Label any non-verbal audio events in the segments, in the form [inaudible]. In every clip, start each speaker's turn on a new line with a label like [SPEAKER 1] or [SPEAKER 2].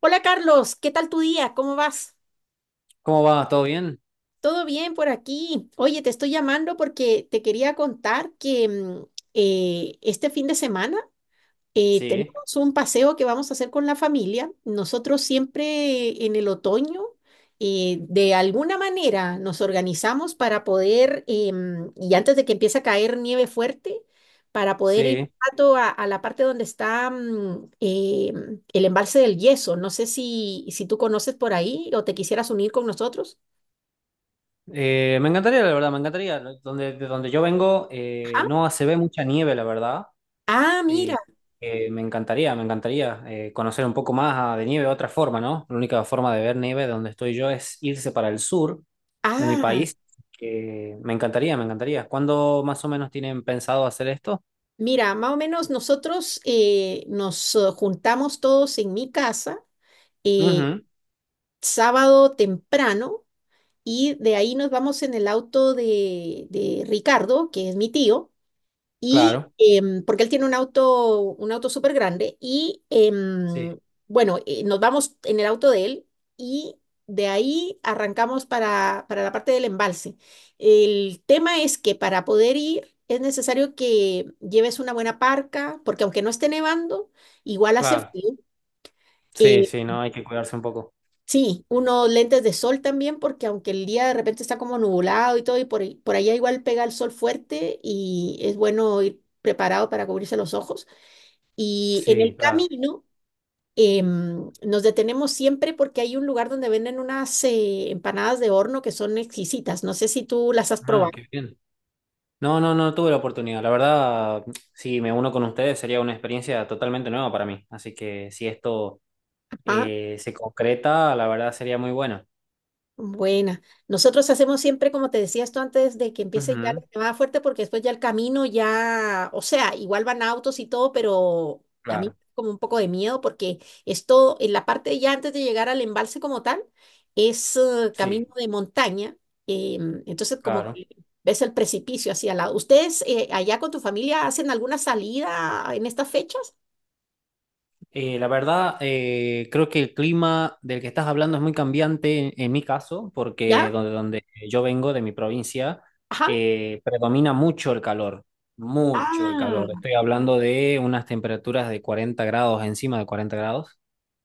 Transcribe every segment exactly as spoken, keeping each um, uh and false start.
[SPEAKER 1] Hola Carlos, ¿qué tal tu día? ¿Cómo vas?
[SPEAKER 2] ¿Cómo va? ¿Todo bien?
[SPEAKER 1] ¿Todo bien por aquí? Oye, te estoy llamando porque te quería contar que mm, eh, este fin de semana eh,
[SPEAKER 2] Sí,
[SPEAKER 1] tenemos un paseo que vamos a hacer con la familia. Nosotros siempre en el otoño, eh, de alguna manera, nos organizamos para poder, em, y antes de que empiece a caer nieve fuerte, para poder ir un
[SPEAKER 2] sí.
[SPEAKER 1] rato a, a la parte donde está mm, em, el embalse del Yeso. No sé si, si tú conoces por ahí o te quisieras unir con nosotros.
[SPEAKER 2] Eh, me encantaría, la verdad, me encantaría. Donde, de donde yo vengo eh,
[SPEAKER 1] Ajá.
[SPEAKER 2] no se ve mucha nieve, la verdad.
[SPEAKER 1] Ah, mira.
[SPEAKER 2] Eh, eh, Me encantaría, me encantaría eh, conocer un poco más ah, de nieve de otra forma, ¿no? La única forma de ver nieve donde estoy yo es irse para el sur de mi
[SPEAKER 1] Ah,
[SPEAKER 2] país. Que me encantaría, me encantaría. ¿Cuándo más o menos tienen pensado hacer esto?
[SPEAKER 1] mira, más o menos nosotros eh, nos eh, juntamos todos en mi casa. eh,
[SPEAKER 2] Ujú,
[SPEAKER 1] Sábado temprano y de ahí nos vamos en el auto de, de Ricardo, que es mi tío, y
[SPEAKER 2] claro.
[SPEAKER 1] em, porque él tiene un auto, un auto súper grande y
[SPEAKER 2] Sí,
[SPEAKER 1] em, bueno, eh, nos vamos en el auto de él y de ahí arrancamos para, para la parte del embalse. El tema es que para poder ir es necesario que lleves una buena parca, porque aunque no esté nevando, igual hace
[SPEAKER 2] claro.
[SPEAKER 1] frío.
[SPEAKER 2] Sí, sí, no, hay que cuidarse un poco.
[SPEAKER 1] Sí, unos lentes de sol también, porque aunque el día de repente está como nublado y todo, y por, ahí- por allá igual pega el sol fuerte y es bueno ir preparado para cubrirse los ojos. Y en
[SPEAKER 2] Sí,
[SPEAKER 1] el
[SPEAKER 2] claro.
[SPEAKER 1] camino em, nos detenemos siempre porque hay un lugar donde venden unas eh, empanadas de horno que son exquisitas. No sé si tú las has
[SPEAKER 2] Ah,
[SPEAKER 1] probado.
[SPEAKER 2] qué bien. No, no, no tuve la oportunidad. La verdad, si me uno con ustedes sería una experiencia totalmente nueva para mí. Así que si esto
[SPEAKER 1] Ajá.
[SPEAKER 2] eh, se concreta, la verdad sería muy bueno.
[SPEAKER 1] Buena. Nosotros hacemos siempre, como te decía esto antes, de que empiece ya la
[SPEAKER 2] Ujú,
[SPEAKER 1] nevada fuerte, porque después ya el camino ya, o sea, igual van autos y todo, pero a mí
[SPEAKER 2] claro,
[SPEAKER 1] como un poco de miedo, porque esto, en la parte ya antes de llegar al embalse como tal, es eh, camino
[SPEAKER 2] sí,
[SPEAKER 1] de montaña. Em, entonces, como
[SPEAKER 2] claro.
[SPEAKER 1] que ves el precipicio hacia al lado. ¿Ustedes eh, allá con tu familia hacen alguna salida en estas fechas?
[SPEAKER 2] Eh, la verdad, eh, creo que el clima del que estás hablando es muy cambiante en, en mi caso, porque
[SPEAKER 1] ¿Ya?
[SPEAKER 2] donde, donde yo vengo, de mi provincia,
[SPEAKER 1] Ajá.
[SPEAKER 2] eh, predomina mucho el calor, mucho el
[SPEAKER 1] Ah,
[SPEAKER 2] calor. Estoy hablando de unas temperaturas de cuarenta grados, encima de cuarenta grados.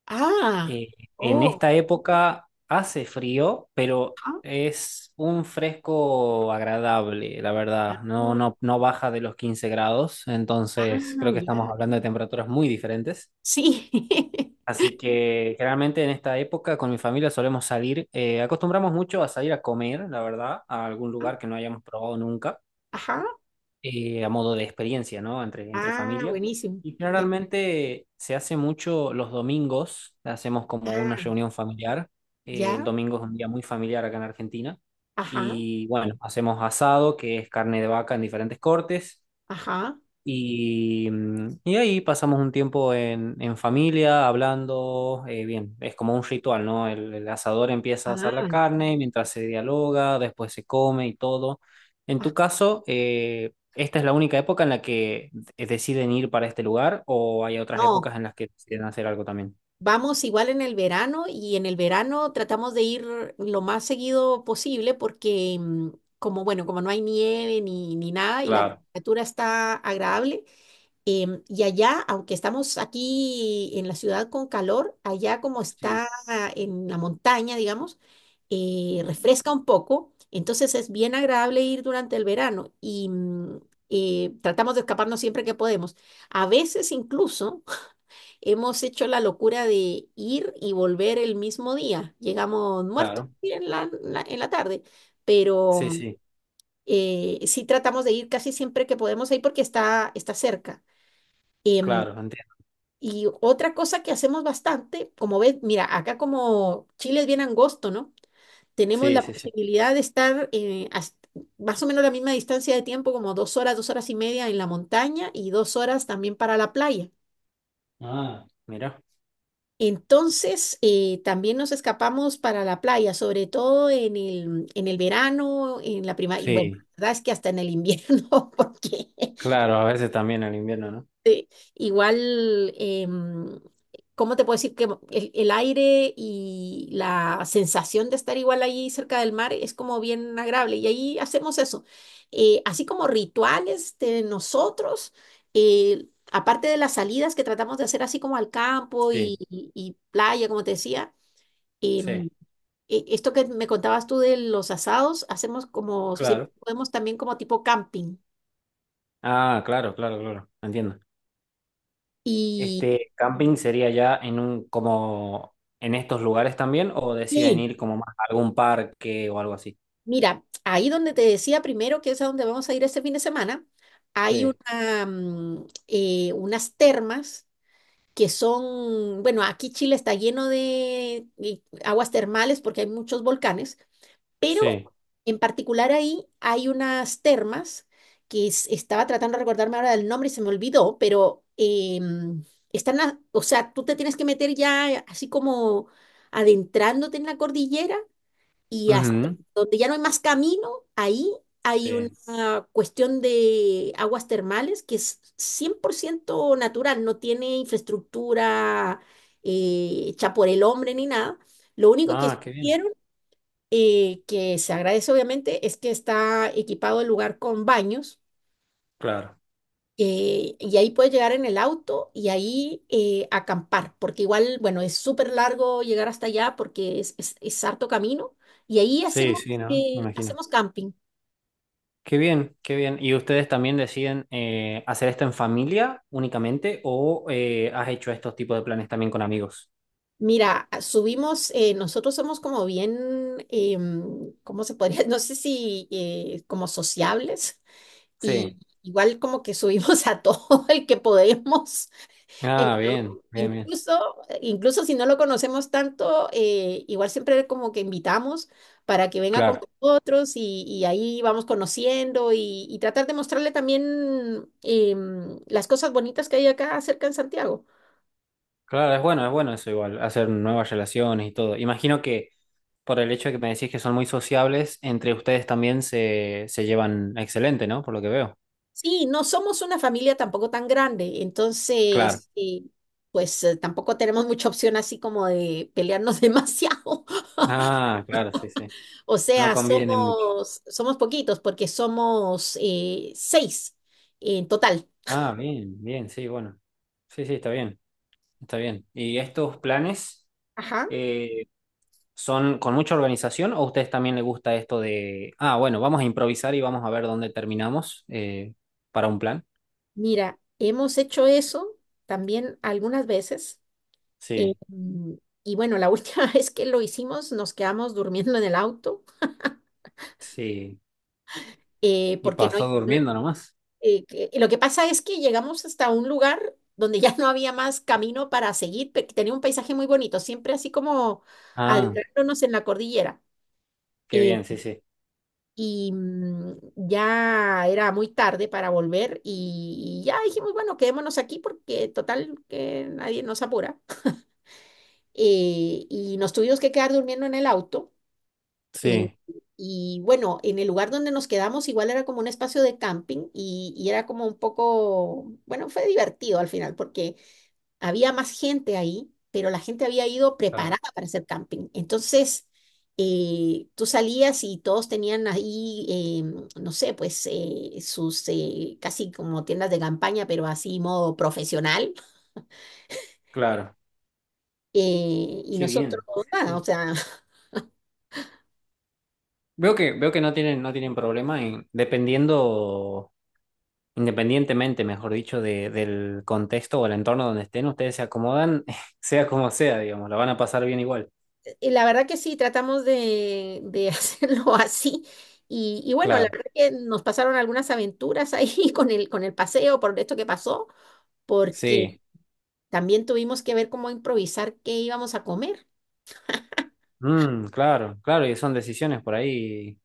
[SPEAKER 1] ah,
[SPEAKER 2] Eh, en
[SPEAKER 1] oh,
[SPEAKER 2] esta época hace frío, pero
[SPEAKER 1] ajá.
[SPEAKER 2] es un fresco agradable, la verdad. No, no, no baja de los quince grados, entonces
[SPEAKER 1] Ah,
[SPEAKER 2] creo que estamos
[SPEAKER 1] ya.
[SPEAKER 2] hablando de temperaturas muy diferentes.
[SPEAKER 1] Sí.
[SPEAKER 2] Así que generalmente en esta época con mi familia solemos salir, eh, acostumbramos mucho a salir a comer, la verdad, a algún lugar que
[SPEAKER 1] [laughs]
[SPEAKER 2] no hayamos probado nunca
[SPEAKER 1] Ajá.
[SPEAKER 2] eh, a modo de experiencia, ¿no? Entre, entre
[SPEAKER 1] Ah,
[SPEAKER 2] familia.
[SPEAKER 1] buenísimo.
[SPEAKER 2] Y
[SPEAKER 1] Ya.
[SPEAKER 2] generalmente se hace mucho los domingos, hacemos como una
[SPEAKER 1] Ah,
[SPEAKER 2] reunión familiar. Eh, el
[SPEAKER 1] ya.
[SPEAKER 2] domingo es un día muy familiar acá en Argentina.
[SPEAKER 1] Ajá.
[SPEAKER 2] Y bueno, hacemos asado, que es carne de vaca en diferentes cortes.
[SPEAKER 1] Ajá.
[SPEAKER 2] Y, mm, y ahí pasamos un tiempo en, en familia, hablando, eh, bien, es como un ritual, ¿no? El, el asador empieza a asar la
[SPEAKER 1] Ah,
[SPEAKER 2] carne, mientras se dialoga, después se come y todo. En
[SPEAKER 1] ah.
[SPEAKER 2] tu caso, eh, ¿esta es la única época en la que de- deciden ir para este lugar o hay otras
[SPEAKER 1] No,
[SPEAKER 2] épocas en las que deciden hacer algo también?
[SPEAKER 1] vamos igual en el verano y en el verano tratamos de ir lo más seguido posible porque mm, como, bueno, como no hay nieve ni, ni nada y la
[SPEAKER 2] Claro,
[SPEAKER 1] temperatura está agradable. Em, y allá, aunque estamos aquí en la ciudad con calor, allá como
[SPEAKER 2] sí,
[SPEAKER 1] está en la montaña, digamos, eh, refresca un poco, entonces es bien agradable ir durante el verano y mm, eh, tratamos de escaparnos siempre que podemos. A veces incluso [laughs] hemos hecho la locura de ir y volver el mismo día. Llegamos muertos
[SPEAKER 2] claro,
[SPEAKER 1] en la, la- en la tarde, pero
[SPEAKER 2] sí,
[SPEAKER 1] mm,
[SPEAKER 2] sí,
[SPEAKER 1] eh, sí tratamos de ir casi siempre que podemos ahí porque está, está cerca. Em,
[SPEAKER 2] claro, entiendo.
[SPEAKER 1] y otra cosa que hacemos bastante, como ves, mira, acá como Chile es bien angosto, ¿no? Tenemos
[SPEAKER 2] Sí,
[SPEAKER 1] la
[SPEAKER 2] sí, sí.
[SPEAKER 1] posibilidad de estar eh, as- más o menos la misma distancia de tiempo, como dos horas, dos horas y media en la montaña y dos horas también para la playa.
[SPEAKER 2] Ah, mira.
[SPEAKER 1] Entonces, eh, también nos escapamos para la playa, sobre todo en el, en el verano, en la primavera, y bueno, la
[SPEAKER 2] Sí,
[SPEAKER 1] verdad es que hasta en el invierno, [laughs] porque.
[SPEAKER 2] claro, a veces también en invierno, ¿no?
[SPEAKER 1] Sí, igual, em, ¿cómo te puedo decir que el, el aire y la sensación de estar igual ahí cerca del mar es como bien agradable? Y ahí hacemos eso. Eh, así como rituales de nosotros, eh, aparte de las salidas que tratamos de hacer así como al campo y,
[SPEAKER 2] Sí,
[SPEAKER 1] y- y playa, como te decía, em,
[SPEAKER 2] sí,
[SPEAKER 1] e- esto que me contabas tú de los asados, hacemos como siempre
[SPEAKER 2] claro.
[SPEAKER 1] podemos también como tipo camping.
[SPEAKER 2] Ah, claro, claro, claro, entiendo.
[SPEAKER 1] Y
[SPEAKER 2] ¿Este camping sería ya en un, como en estos lugares también o deciden
[SPEAKER 1] sí,
[SPEAKER 2] ir como más a algún parque o algo así?
[SPEAKER 1] mira, ahí donde te decía primero que es a donde vamos a ir este fin de semana, hay
[SPEAKER 2] Sí,
[SPEAKER 1] una, mm, eh, unas termas que son, bueno, aquí Chile está lleno de eh, aguas termales porque hay muchos volcanes, pero
[SPEAKER 2] sí.
[SPEAKER 1] en particular ahí hay unas termas que es- estaba tratando de recordarme ahora del nombre y se me olvidó, pero em, están, a- o sea, tú te tienes que meter ya así como adentrándote en la cordillera y hasta
[SPEAKER 2] Ujú.
[SPEAKER 1] donde ya no hay más camino, ahí hay
[SPEAKER 2] Sí.
[SPEAKER 1] una cuestión de aguas termales que es cien por ciento natural, no tiene infraestructura eh, hecha por el hombre ni nada. Lo único que
[SPEAKER 2] Ah, qué bien.
[SPEAKER 1] hicieron, eh, que se agradece obviamente, es que está equipado el lugar con baños
[SPEAKER 2] Claro.
[SPEAKER 1] eh, y ahí puedes llegar en el auto y ahí eh, acampar, porque igual, bueno, es súper largo llegar hasta allá porque es, es, es harto camino. Y ahí
[SPEAKER 2] Sí,
[SPEAKER 1] hacemos,
[SPEAKER 2] sí, ¿no? Me
[SPEAKER 1] eh,
[SPEAKER 2] imagino.
[SPEAKER 1] hacemos camping.
[SPEAKER 2] Qué bien, qué bien. ¿Y ustedes también deciden eh, hacer esto en familia únicamente o eh, has hecho estos tipos de planes también con amigos?
[SPEAKER 1] Mira, a- subimos, eh, nosotros somos como bien, em, ¿cómo se podría? [laughs] No sé si eh, como sociables
[SPEAKER 2] Sí.
[SPEAKER 1] y igual como que subimos a todo [laughs] el que podemos.
[SPEAKER 2] Ah,
[SPEAKER 1] Eh,
[SPEAKER 2] bien, bien, bien.
[SPEAKER 1] incluso, incluso si no lo conocemos tanto, eh, igual siempre como que invitamos para que venga con
[SPEAKER 2] Claro.
[SPEAKER 1] nosotros y, y ahí vamos conociendo y, y tratar de mostrarle también em, las cosas bonitas que hay acá cerca en Santiago.
[SPEAKER 2] Claro, es bueno, es bueno eso igual, hacer nuevas relaciones y todo. Imagino que por el hecho de que me decís que son muy sociables, entre ustedes también se, se llevan excelente, ¿no? Por lo que veo.
[SPEAKER 1] Sí, no somos una familia tampoco tan grande,
[SPEAKER 2] Claro.
[SPEAKER 1] entonces, eh, pues eh, tampoco tenemos mucha opción así como de pelearnos [laughs] demasiado.
[SPEAKER 2] Ah, claro, sí, sí.
[SPEAKER 1] O
[SPEAKER 2] No
[SPEAKER 1] sea,
[SPEAKER 2] conviene mucho.
[SPEAKER 1] somos, somos poquitos porque somos eh, seis en total.
[SPEAKER 2] Ah, bien, bien, sí, bueno. Sí, sí, está bien, está bien. ¿Y estos planes
[SPEAKER 1] Ajá.
[SPEAKER 2] eh, son con mucha organización o a ustedes también les gusta esto de, ah, bueno, vamos a improvisar y vamos a ver dónde terminamos eh, para un plan?
[SPEAKER 1] Mira, hemos hecho eso también algunas veces. eh,
[SPEAKER 2] Sí,
[SPEAKER 1] mm, y bueno, la última [laughs] vez que lo hicimos nos quedamos durmiendo en el auto
[SPEAKER 2] sí.
[SPEAKER 1] eh,
[SPEAKER 2] Y
[SPEAKER 1] porque no...
[SPEAKER 2] pasó
[SPEAKER 1] no-
[SPEAKER 2] durmiendo nomás.
[SPEAKER 1] eh, que- lo que pasa es que llegamos hasta un lugar donde ya no había más camino para seguir, pe- tenía un paisaje muy bonito, siempre así como
[SPEAKER 2] Ah,
[SPEAKER 1] adentrándonos en la cordillera.
[SPEAKER 2] qué
[SPEAKER 1] eh,
[SPEAKER 2] bien, sí, sí.
[SPEAKER 1] y mm, ya era muy tarde para volver y, y ya dijimos, bueno, quedémonos aquí porque total que nadie nos apura. Eh, y nos tuvimos que quedar durmiendo en el auto. eh,
[SPEAKER 2] Sí.
[SPEAKER 1] y bueno, en el lugar donde nos quedamos igual era como un espacio de camping y, y era como un poco, bueno, fue divertido al final porque había más gente ahí, pero la gente había ido
[SPEAKER 2] Claro.
[SPEAKER 1] preparada para hacer camping. Entonces, eh, tú salías y todos tenían ahí, em, no sé, pues eh, sus eh, casi como tiendas de campaña, pero así modo profesional.
[SPEAKER 2] Claro.
[SPEAKER 1] Eh, y
[SPEAKER 2] Qué
[SPEAKER 1] nosotros,
[SPEAKER 2] bien, sí,
[SPEAKER 1] nada, o
[SPEAKER 2] sí.
[SPEAKER 1] sea...
[SPEAKER 2] Veo que,
[SPEAKER 1] [laughs]
[SPEAKER 2] veo que no tienen, no tienen problema en, dependiendo, independientemente, mejor dicho, de, del contexto o el entorno donde estén, ustedes se acomodan, [laughs] sea como sea, digamos, la van a pasar bien igual.
[SPEAKER 1] Y la verdad que sí, tratamos de, de [laughs] hacerlo así. Y, y bueno, la
[SPEAKER 2] Claro,
[SPEAKER 1] verdad que nos pasaron algunas aventuras ahí [laughs] con el, con el paseo por esto que pasó, porque
[SPEAKER 2] sí.
[SPEAKER 1] también tuvimos que ver cómo improvisar qué íbamos a comer.
[SPEAKER 2] Mm, claro, claro, y son decisiones por ahí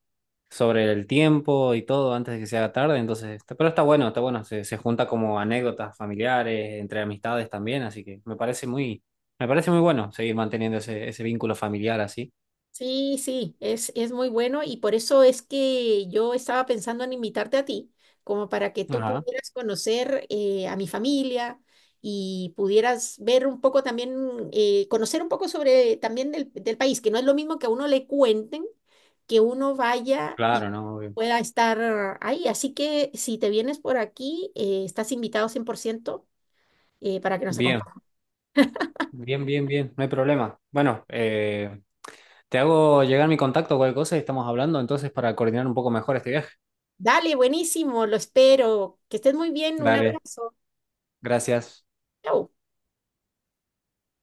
[SPEAKER 2] sobre el tiempo y todo antes de que se haga tarde, entonces, está- pero está bueno, está bueno, se, se junta como anécdotas familiares, entre amistades también, así que me parece muy, me parece muy bueno seguir manteniendo ese, ese vínculo familiar así.
[SPEAKER 1] Sí, sí, es, es muy bueno y por eso es que yo estaba pensando en invitarte a ti, como para que tú
[SPEAKER 2] Ajá,
[SPEAKER 1] pudieras conocer eh, a mi familia y pudieras ver un poco también, eh, conocer un poco sobre también del, del país, que no es lo mismo que a uno le cuenten, que uno vaya y
[SPEAKER 2] claro, no, obvio.
[SPEAKER 1] pueda estar ahí. Así que si te vienes por aquí, eh, estás invitado cien por ciento eh, para que nos
[SPEAKER 2] Bien,
[SPEAKER 1] acompañes.
[SPEAKER 2] bien, bien, bien, no hay problema. Bueno, eh, te hago llegar mi contacto o cualquier cosa y estamos hablando entonces para coordinar un poco mejor este viaje.
[SPEAKER 1] Dale, buenísimo, lo espero. Que estés muy bien, un
[SPEAKER 2] Dale,
[SPEAKER 1] abrazo.
[SPEAKER 2] gracias.
[SPEAKER 1] Chao.